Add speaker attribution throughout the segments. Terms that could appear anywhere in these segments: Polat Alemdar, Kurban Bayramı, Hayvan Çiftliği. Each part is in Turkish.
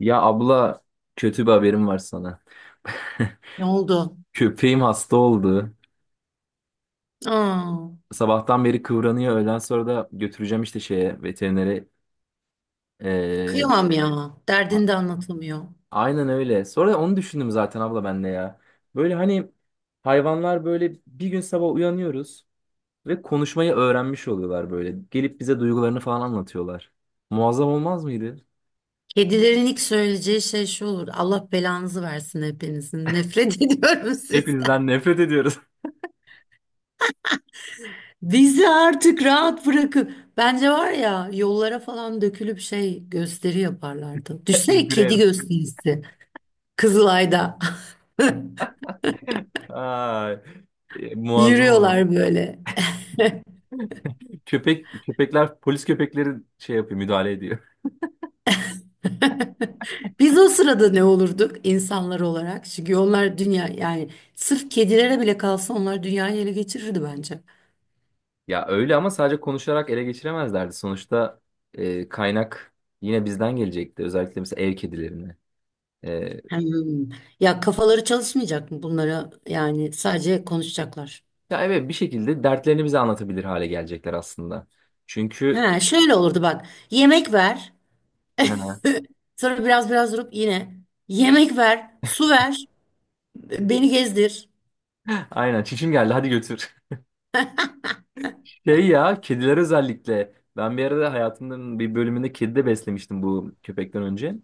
Speaker 1: Ya abla, kötü bir haberim var sana.
Speaker 2: Ne oldu?
Speaker 1: Köpeğim hasta oldu.
Speaker 2: Aa,
Speaker 1: Sabahtan beri kıvranıyor. Öğlen sonra da götüreceğim işte şeye, veterinere. Ee,
Speaker 2: kıyamam ya.
Speaker 1: a-
Speaker 2: Derdini de anlatamıyor.
Speaker 1: aynen öyle. Sonra onu düşündüm zaten abla, ben de ya. Böyle hani hayvanlar böyle bir gün sabah uyanıyoruz ve konuşmayı öğrenmiş oluyorlar böyle. Gelip bize duygularını falan anlatıyorlar. Muazzam olmaz mıydı?
Speaker 2: Kedilerin ilk söyleyeceği şey şu olur. Allah belanızı versin hepinizin. Nefret ediyorum sizden.
Speaker 1: Hepinizden nefret ediyoruz.
Speaker 2: Bizi artık rahat bırakın. Bence var ya yollara falan dökülüp şey gösteri yaparlardı. Düşünsene kedi
Speaker 1: Grev.
Speaker 2: gösterisi. Kızılay'da.
Speaker 1: Ay, muazzam olur.
Speaker 2: Yürüyorlar böyle.
Speaker 1: Köpekler polis köpekleri şey yapıyor, müdahale ediyor.
Speaker 2: Biz o sırada ne olurduk insanlar olarak? Çünkü onlar dünya yani sırf kedilere bile kalsa onlar dünyayı ele geçirirdi bence.
Speaker 1: Ya öyle ama sadece konuşarak ele geçiremezlerdi. Sonuçta kaynak yine bizden gelecekti. Özellikle mesela ev kedilerini. E,
Speaker 2: Hmm. Ya kafaları çalışmayacak mı bunlara? Yani sadece konuşacaklar.
Speaker 1: ya evet, bir şekilde dertlerini bize anlatabilir hale gelecekler aslında. Çünkü
Speaker 2: Ha, şöyle olurdu bak. Yemek ver.
Speaker 1: he,
Speaker 2: Sonra biraz durup yine yemek ver, su ver, beni gezdir.
Speaker 1: aynen, çişim geldi hadi götür. Şey ya, kediler özellikle. Ben bir arada hayatımın bir bölümünde kedi de beslemiştim bu köpekten önce.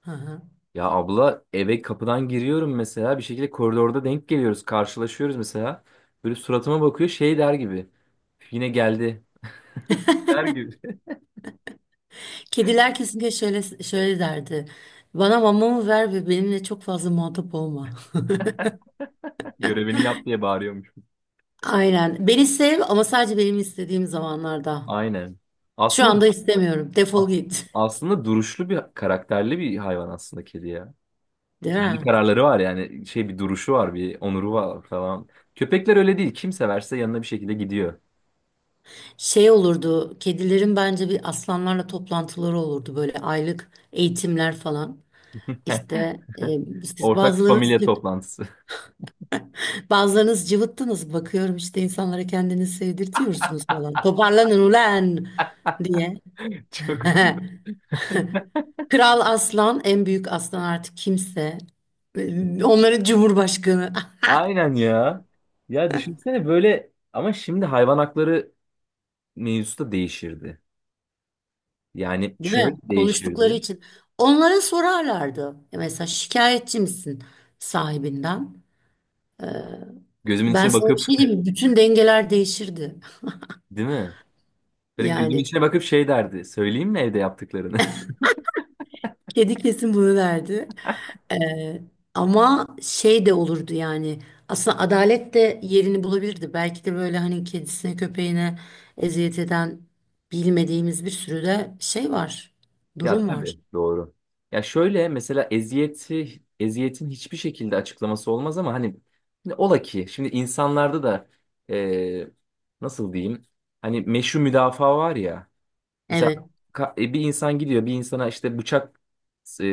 Speaker 2: Hı hı.
Speaker 1: Ya abla, eve kapıdan giriyorum mesela, bir şekilde koridorda denk geliyoruz, karşılaşıyoruz mesela. Böyle suratıma bakıyor şey der gibi. Yine geldi der gibi.
Speaker 2: Kediler kesinlikle şöyle şöyle derdi. Bana mamamı ver ve benimle çok fazla muhatap olma.
Speaker 1: Görevini yap diye bağırıyormuş.
Speaker 2: Aynen. Beni sev ama sadece benim istediğim zamanlarda.
Speaker 1: Aynen.
Speaker 2: Şu
Speaker 1: Aslında
Speaker 2: anda istemiyorum. Defol
Speaker 1: as-
Speaker 2: git.
Speaker 1: Aslında duruşlu bir, karakterli bir hayvan aslında kedi ya.
Speaker 2: Değil
Speaker 1: Kendi
Speaker 2: mi?
Speaker 1: kararları var, yani şey, bir duruşu var, bir onuru var falan. Köpekler öyle değil. Kim severse yanına bir şekilde gidiyor.
Speaker 2: Şey olurdu, kedilerin bence bir aslanlarla toplantıları olurdu böyle aylık eğitimler falan. İşte e, siz
Speaker 1: Ortak
Speaker 2: bazılarınız
Speaker 1: familya toplantısı.
Speaker 2: bazılarınız cıvıttınız bakıyorum işte insanlara kendinizi sevdirtiyorsunuz falan. Toparlanın ulan diye.
Speaker 1: Çok.
Speaker 2: Kral aslan, en büyük aslan artık kimse. Onların cumhurbaşkanı.
Speaker 1: Aynen ya. Ya düşünsene böyle ama şimdi hayvan hakları mevzusu da değişirdi. Yani
Speaker 2: Değil
Speaker 1: şöyle
Speaker 2: mi? Konuştukları
Speaker 1: değişirdi.
Speaker 2: için. Onlara sorarlardı. Mesela şikayetçi misin sahibinden? E,
Speaker 1: Gözümün
Speaker 2: Ben
Speaker 1: içine
Speaker 2: sana bir
Speaker 1: bakıp
Speaker 2: şey diyeyim mi? Bütün dengeler değişirdi.
Speaker 1: değil mi? Böyle gözümün
Speaker 2: Yani
Speaker 1: içine bakıp şey derdi. Söyleyeyim mi evde yaptıklarını?
Speaker 2: kedi kesin bunu derdi. Ee, ama şey de olurdu yani. Aslında adalet de yerini bulabilirdi. Belki de böyle hani kedisine köpeğine eziyet eden bilmediğimiz bir sürü de şey var.
Speaker 1: Ya
Speaker 2: Durum
Speaker 1: tabii
Speaker 2: var.
Speaker 1: doğru. Ya şöyle mesela, eziyetin hiçbir şekilde açıklaması olmaz ama hani, şimdi ola ki şimdi insanlarda da eee, nasıl diyeyim? Hani meşru müdafaa var ya. Mesela
Speaker 2: Evet,
Speaker 1: bir insan gidiyor bir insana işte bıçak e,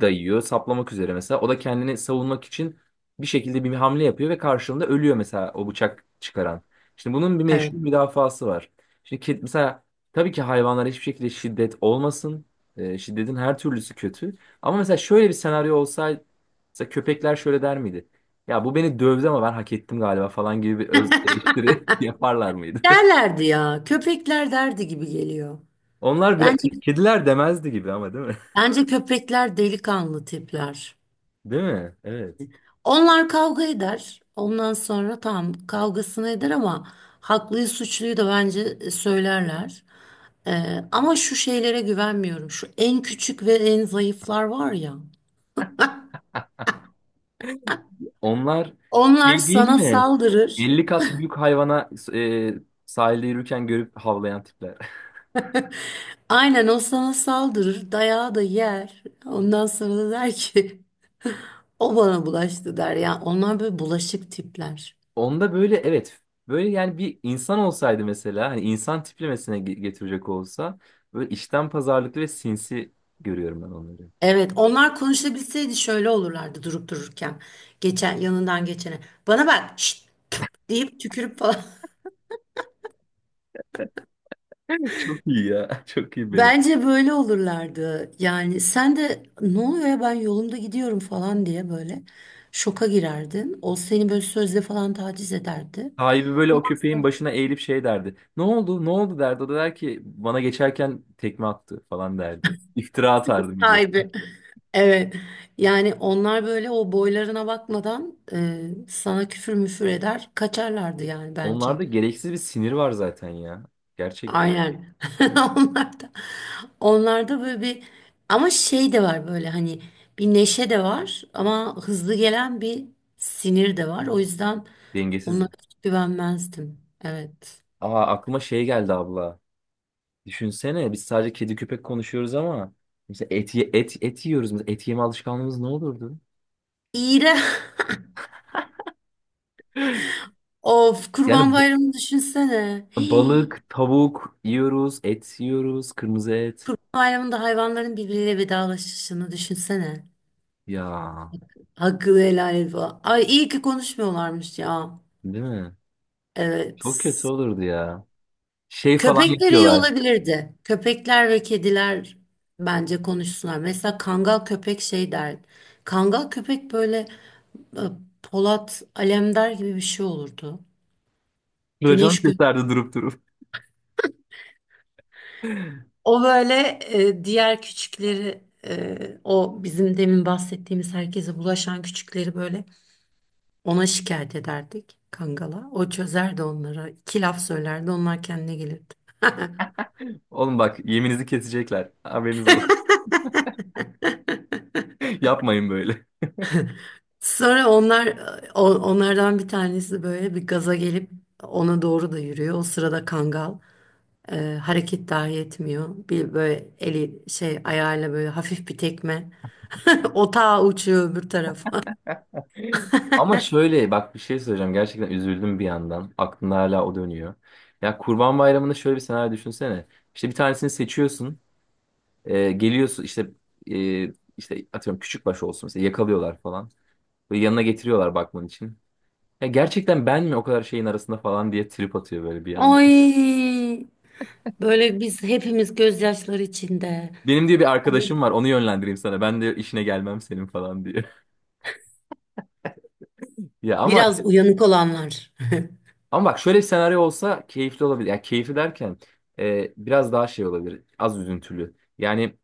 Speaker 1: dayıyor, saplamak üzere mesela. O da kendini savunmak için bir şekilde bir hamle yapıyor ve karşılığında ölüyor mesela, o bıçak çıkaran. Şimdi bunun bir
Speaker 2: evet.
Speaker 1: meşru müdafası var. Şimdi mesela, tabii ki hayvanlara hiçbir şekilde şiddet olmasın. E, şiddetin her türlüsü kötü. Ama mesela şöyle bir senaryo olsaydı, mesela köpekler şöyle der miydi? Ya bu beni dövdü ama ben hak ettim galiba falan gibi bir öz eleştiri yaparlar mıydı?
Speaker 2: Derlerdi ya. Köpekler derdi gibi geliyor.
Speaker 1: Onlar biraz,
Speaker 2: Bence
Speaker 1: kediler demezdi gibi ama, değil mi?
Speaker 2: bence köpekler delikanlı tipler.
Speaker 1: Değil mi? Evet.
Speaker 2: Onlar kavga eder. Ondan sonra tamam kavgasını eder ama haklıyı suçluyu da bence söylerler. Ama şu şeylere güvenmiyorum. Şu en küçük ve en zayıflar var ya.
Speaker 1: Onlar
Speaker 2: Onlar
Speaker 1: şey değil
Speaker 2: sana
Speaker 1: mi?
Speaker 2: saldırır.
Speaker 1: 50 kat büyük hayvana sahilde yürürken görüp havlayan tipler.
Speaker 2: Aynen o sana saldırır. Dayağı da yer. Ondan sonra da der ki o bana bulaştı der. Yani onlar böyle bulaşık tipler.
Speaker 1: Onda böyle evet. Böyle yani bir insan olsaydı mesela, hani insan tiplemesine getirecek olsa, böyle işten pazarlıklı ve sinsi görüyorum ben onları.
Speaker 2: Evet, onlar konuşabilseydi şöyle olurlardı durup dururken. Geçen yanından geçene. Bana bak şşt deyip tükürüp falan.
Speaker 1: Çok iyi ya. Çok iyi benziyor.
Speaker 2: Bence böyle olurlardı. Yani sen de ne oluyor ya ben yolumda gidiyorum falan diye böyle şoka girerdin. O seni böyle sözle falan taciz ederdi.
Speaker 1: Sahibi böyle o köpeğin
Speaker 2: Olmaz.
Speaker 1: başına eğilip şey derdi. Ne oldu? Ne oldu derdi. O da der ki, bana geçerken tekme attı falan derdi. İftira atardı millet.
Speaker 2: Sahibi. Evet. Yani onlar böyle o boylarına bakmadan sana küfür müfür eder, kaçarlardı yani bence.
Speaker 1: Onlarda gereksiz bir sinir var zaten ya. Gerçekten.
Speaker 2: Aynen. Onlarda onlarda böyle bir ama şey de var böyle hani bir neşe de var ama hızlı gelen bir sinir de var. O yüzden
Speaker 1: Dengesiz.
Speaker 2: onlara hiç güvenmezdim. Evet.
Speaker 1: Aa, aklıma şey geldi abla. Düşünsene biz sadece kedi köpek konuşuyoruz ama mesela et yiyoruz. Mesela et yeme alışkanlığımız ne olurdu?
Speaker 2: İğre. Of Kurban
Speaker 1: Yani
Speaker 2: Bayramı'nı düşünsene. Hii.
Speaker 1: balık, tavuk yiyoruz, et yiyoruz, kırmızı et.
Speaker 2: Kurban Bayramı'nda hayvanların birbiriyle vedalaşışını düşünsene.
Speaker 1: Ya
Speaker 2: Hakkını helal et falan. Ay iyi ki konuşmuyorlarmış ya.
Speaker 1: değil mi? Çok
Speaker 2: Evet.
Speaker 1: kötü olurdu ya. Şey falan
Speaker 2: Köpekler iyi
Speaker 1: yapıyorlar.
Speaker 2: olabilirdi. Köpekler ve kediler bence konuşsunlar. Mesela kangal köpek şey der. Kangal köpek böyle e, Polat Alemdar gibi bir şey olurdu.
Speaker 1: Racon
Speaker 2: Güneş gö
Speaker 1: keserdi durup durup.
Speaker 2: O böyle diğer küçükleri o bizim demin bahsettiğimiz herkese bulaşan küçükleri böyle ona şikayet ederdik kangala. O çözerdi onlara. İki laf söylerdi onlar kendine gelir.
Speaker 1: Oğlum bak, yeminizi kesecekler. Haberiniz olsun. Yapmayın böyle.
Speaker 2: Sonra onlar o- onlardan bir tanesi böyle bir gaza gelip ona doğru da yürüyor. O sırada Kangal e, hareket dahi etmiyor. Bir böyle eli şey ayağıyla böyle hafif bir tekme. Otağa uçuyor öbür tarafa.
Speaker 1: Ama şöyle bak, bir şey söyleyeceğim. Gerçekten üzüldüm bir yandan. Aklımda hala o dönüyor. Ya Kurban Bayramı'nda şöyle bir senaryo düşünsene. İşte bir tanesini seçiyorsun. E, geliyorsun işte, e, işte atıyorum, küçükbaş olsun mesela, yakalıyorlar falan. Böyle yanına getiriyorlar bakman için. Ya gerçekten ben mi o kadar şeyin arasında falan diye trip atıyor böyle bir yandan.
Speaker 2: Ay böyle biz hepimiz gözyaşları içinde.
Speaker 1: Benim diye bir arkadaşım var, onu yönlendireyim sana. Ben de işine gelmem senin falan diye. Ya ama.
Speaker 2: Biraz uyanık olanlar.
Speaker 1: Ama bak, şöyle bir senaryo olsa keyifli olabilir. Yani keyifli derken, biraz daha şey olabilir. Az üzüntülü. Yani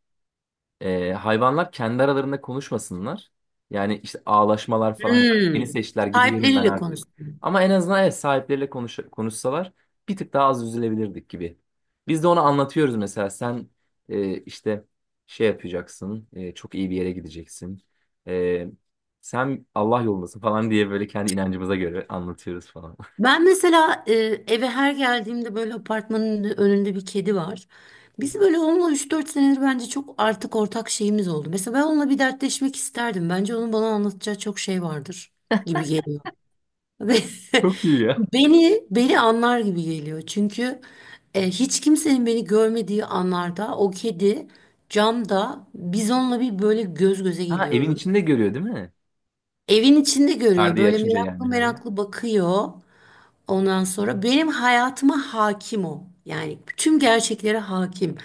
Speaker 1: hayvanlar kendi aralarında konuşmasınlar. Yani işte ağlaşmalar falan. Beni
Speaker 2: Hmm.
Speaker 1: seçtiler, gidiyorum ben
Speaker 2: Sahipleriyle
Speaker 1: artık.
Speaker 2: konuştum.
Speaker 1: Ama en azından, evet, sahipleriyle konuşsalar bir tık daha az üzülebilirdik gibi. Biz de onu anlatıyoruz mesela. Sen işte şey yapacaksın. Çok iyi bir yere gideceksin. E, Sen Allah yolundasın falan diye böyle kendi inancımıza göre anlatıyoruz falan.
Speaker 2: Ben mesela eve her geldiğimde böyle apartmanın önünde bir kedi var. Biz böyle onunla üç dört senedir bence çok artık ortak şeyimiz oldu. Mesela ben onunla bir dertleşmek isterdim. Bence onun bana anlatacağı çok şey vardır gibi geliyor. Ve
Speaker 1: Çok iyi ya.
Speaker 2: beni anlar gibi geliyor. Çünkü hiç kimsenin beni görmediği anlarda o kedi camda biz onunla bir böyle göz göze
Speaker 1: Ha, evin
Speaker 2: geliyoruz.
Speaker 1: içinde görüyor değil mi?
Speaker 2: Evin içinde görüyor.
Speaker 1: Perdeyi
Speaker 2: Böyle
Speaker 1: açınca yani.
Speaker 2: meraklı
Speaker 1: Hı hı.
Speaker 2: meraklı bakıyor. Ondan sonra benim hayatıma hakim o. Yani bütün gerçeklere hakim.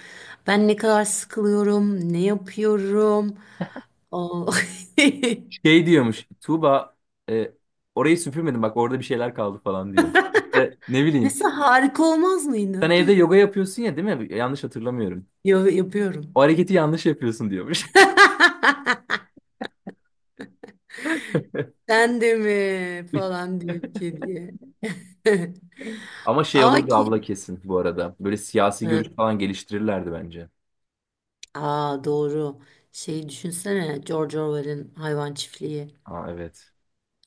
Speaker 2: Ben ne kadar sıkılıyorum, ne yapıyorum. O...
Speaker 1: Şey diyormuş Tuğba, e, orayı süpürmedim bak, orada bir şeyler kaldı falan diyormuş. İşte ne bileyim,
Speaker 2: Mesela harika olmaz
Speaker 1: sen
Speaker 2: mıydı?
Speaker 1: evde yoga yapıyorsun ya değil mi? Yanlış hatırlamıyorum.
Speaker 2: Yo, yapıyorum.
Speaker 1: O hareketi yanlış yapıyorsun diyormuş.
Speaker 2: Sen de mi falan deyip kediye.
Speaker 1: Ama şey
Speaker 2: Ama
Speaker 1: olurdu
Speaker 2: kedi.
Speaker 1: abla kesin bu arada. Böyle siyasi
Speaker 2: Ha,
Speaker 1: görüş falan geliştirirlerdi bence.
Speaker 2: Aa doğru. Şeyi düşünsene George Orwell'in Hayvan Çiftliği.
Speaker 1: Aa evet.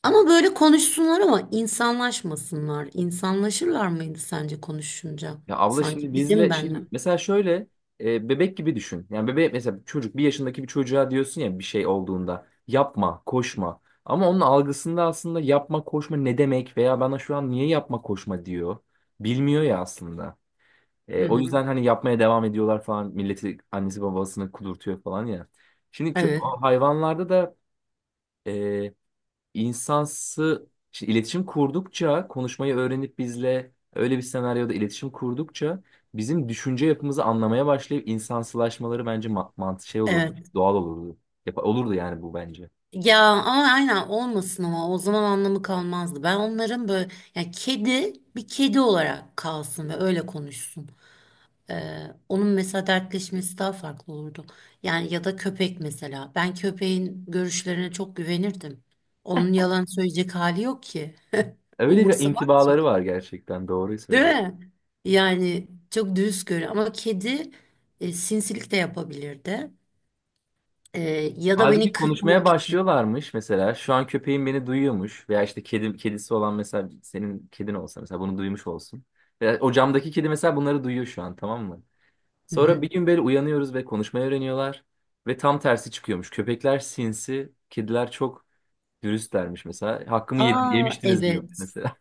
Speaker 2: Ama böyle konuşsunlar ama insanlaşmasınlar. İnsanlaşırlar mıydı sence konuşunca?
Speaker 1: Ya abla şimdi
Speaker 2: Sanki bizim
Speaker 1: bizle
Speaker 2: benle.
Speaker 1: şimdi mesela şöyle, bebek gibi düşün. Yani bebek mesela, çocuk, bir yaşındaki bir çocuğa diyorsun ya bir şey olduğunda yapma, koşma. Ama onun algısında aslında yapma, koşma ne demek veya bana şu an niye yapma, koşma diyor. Bilmiyor ya aslında.
Speaker 2: Hı
Speaker 1: E, o
Speaker 2: hı.
Speaker 1: yüzden hani yapmaya devam ediyorlar falan, milleti, annesi babasını kudurtuyor falan ya. Şimdi
Speaker 2: Evet,
Speaker 1: o hayvanlarda da e, insansı, şimdi iletişim kurdukça konuşmayı öğrenip bizle öyle bir senaryoda iletişim kurdukça bizim düşünce yapımızı anlamaya başlayıp insansılaşmaları bence mantı, şey olurdu.
Speaker 2: evet.
Speaker 1: Doğal olurdu. Yap olurdu yani bu bence.
Speaker 2: Ya ama aynen olmasın ama o zaman anlamı kalmazdı. Ben onların böyle yani kedi bir kedi olarak kalsın ve öyle konuşsun. Onun mesela dertleşmesi daha farklı olurdu. Yani ya da köpek mesela. Ben köpeğin görüşlerine çok güvenirdim. Onun yalan söyleyecek hali yok ki.
Speaker 1: Öyle bir
Speaker 2: Umursamaz
Speaker 1: intibaları var, gerçekten doğruyu
Speaker 2: Değil
Speaker 1: söyledin.
Speaker 2: mi? Yani çok düz görüyor ama kedi sinsilik de yapabilirdi. E, ya da
Speaker 1: Halbuki
Speaker 2: beni
Speaker 1: konuşmaya
Speaker 2: kırmamak için.
Speaker 1: başlıyorlarmış mesela. Şu an köpeğim beni duyuyormuş veya işte kedim, kedisi olan mesela, senin kedin olsa mesela bunu duymuş olsun. Veya o camdaki kedi mesela bunları duyuyor şu an, tamam mı?
Speaker 2: Hı
Speaker 1: Sonra
Speaker 2: hı.
Speaker 1: bir gün böyle uyanıyoruz ve konuşmayı öğreniyorlar. Ve tam tersi çıkıyormuş. Köpekler sinsi, kediler çok dürüstlermiş mesela. Hakkımı yedin,
Speaker 2: Aa
Speaker 1: yemiştiniz diyor
Speaker 2: evet.
Speaker 1: mesela.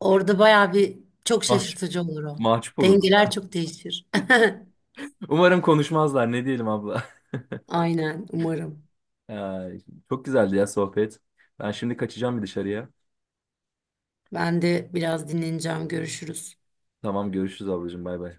Speaker 2: Orada bayağı bir çok
Speaker 1: Mahcup,
Speaker 2: şaşırtıcı olur o.
Speaker 1: mahcup olurdum
Speaker 2: Dengeler
Speaker 1: ben.
Speaker 2: çok değişir.
Speaker 1: Umarım konuşmazlar. Ne diyelim abla.
Speaker 2: Aynen umarım.
Speaker 1: Ay, çok güzeldi ya sohbet. Ben şimdi kaçacağım bir dışarıya.
Speaker 2: Ben de biraz dinleneceğim. Görüşürüz.
Speaker 1: Tamam, görüşürüz ablacığım, bay bay.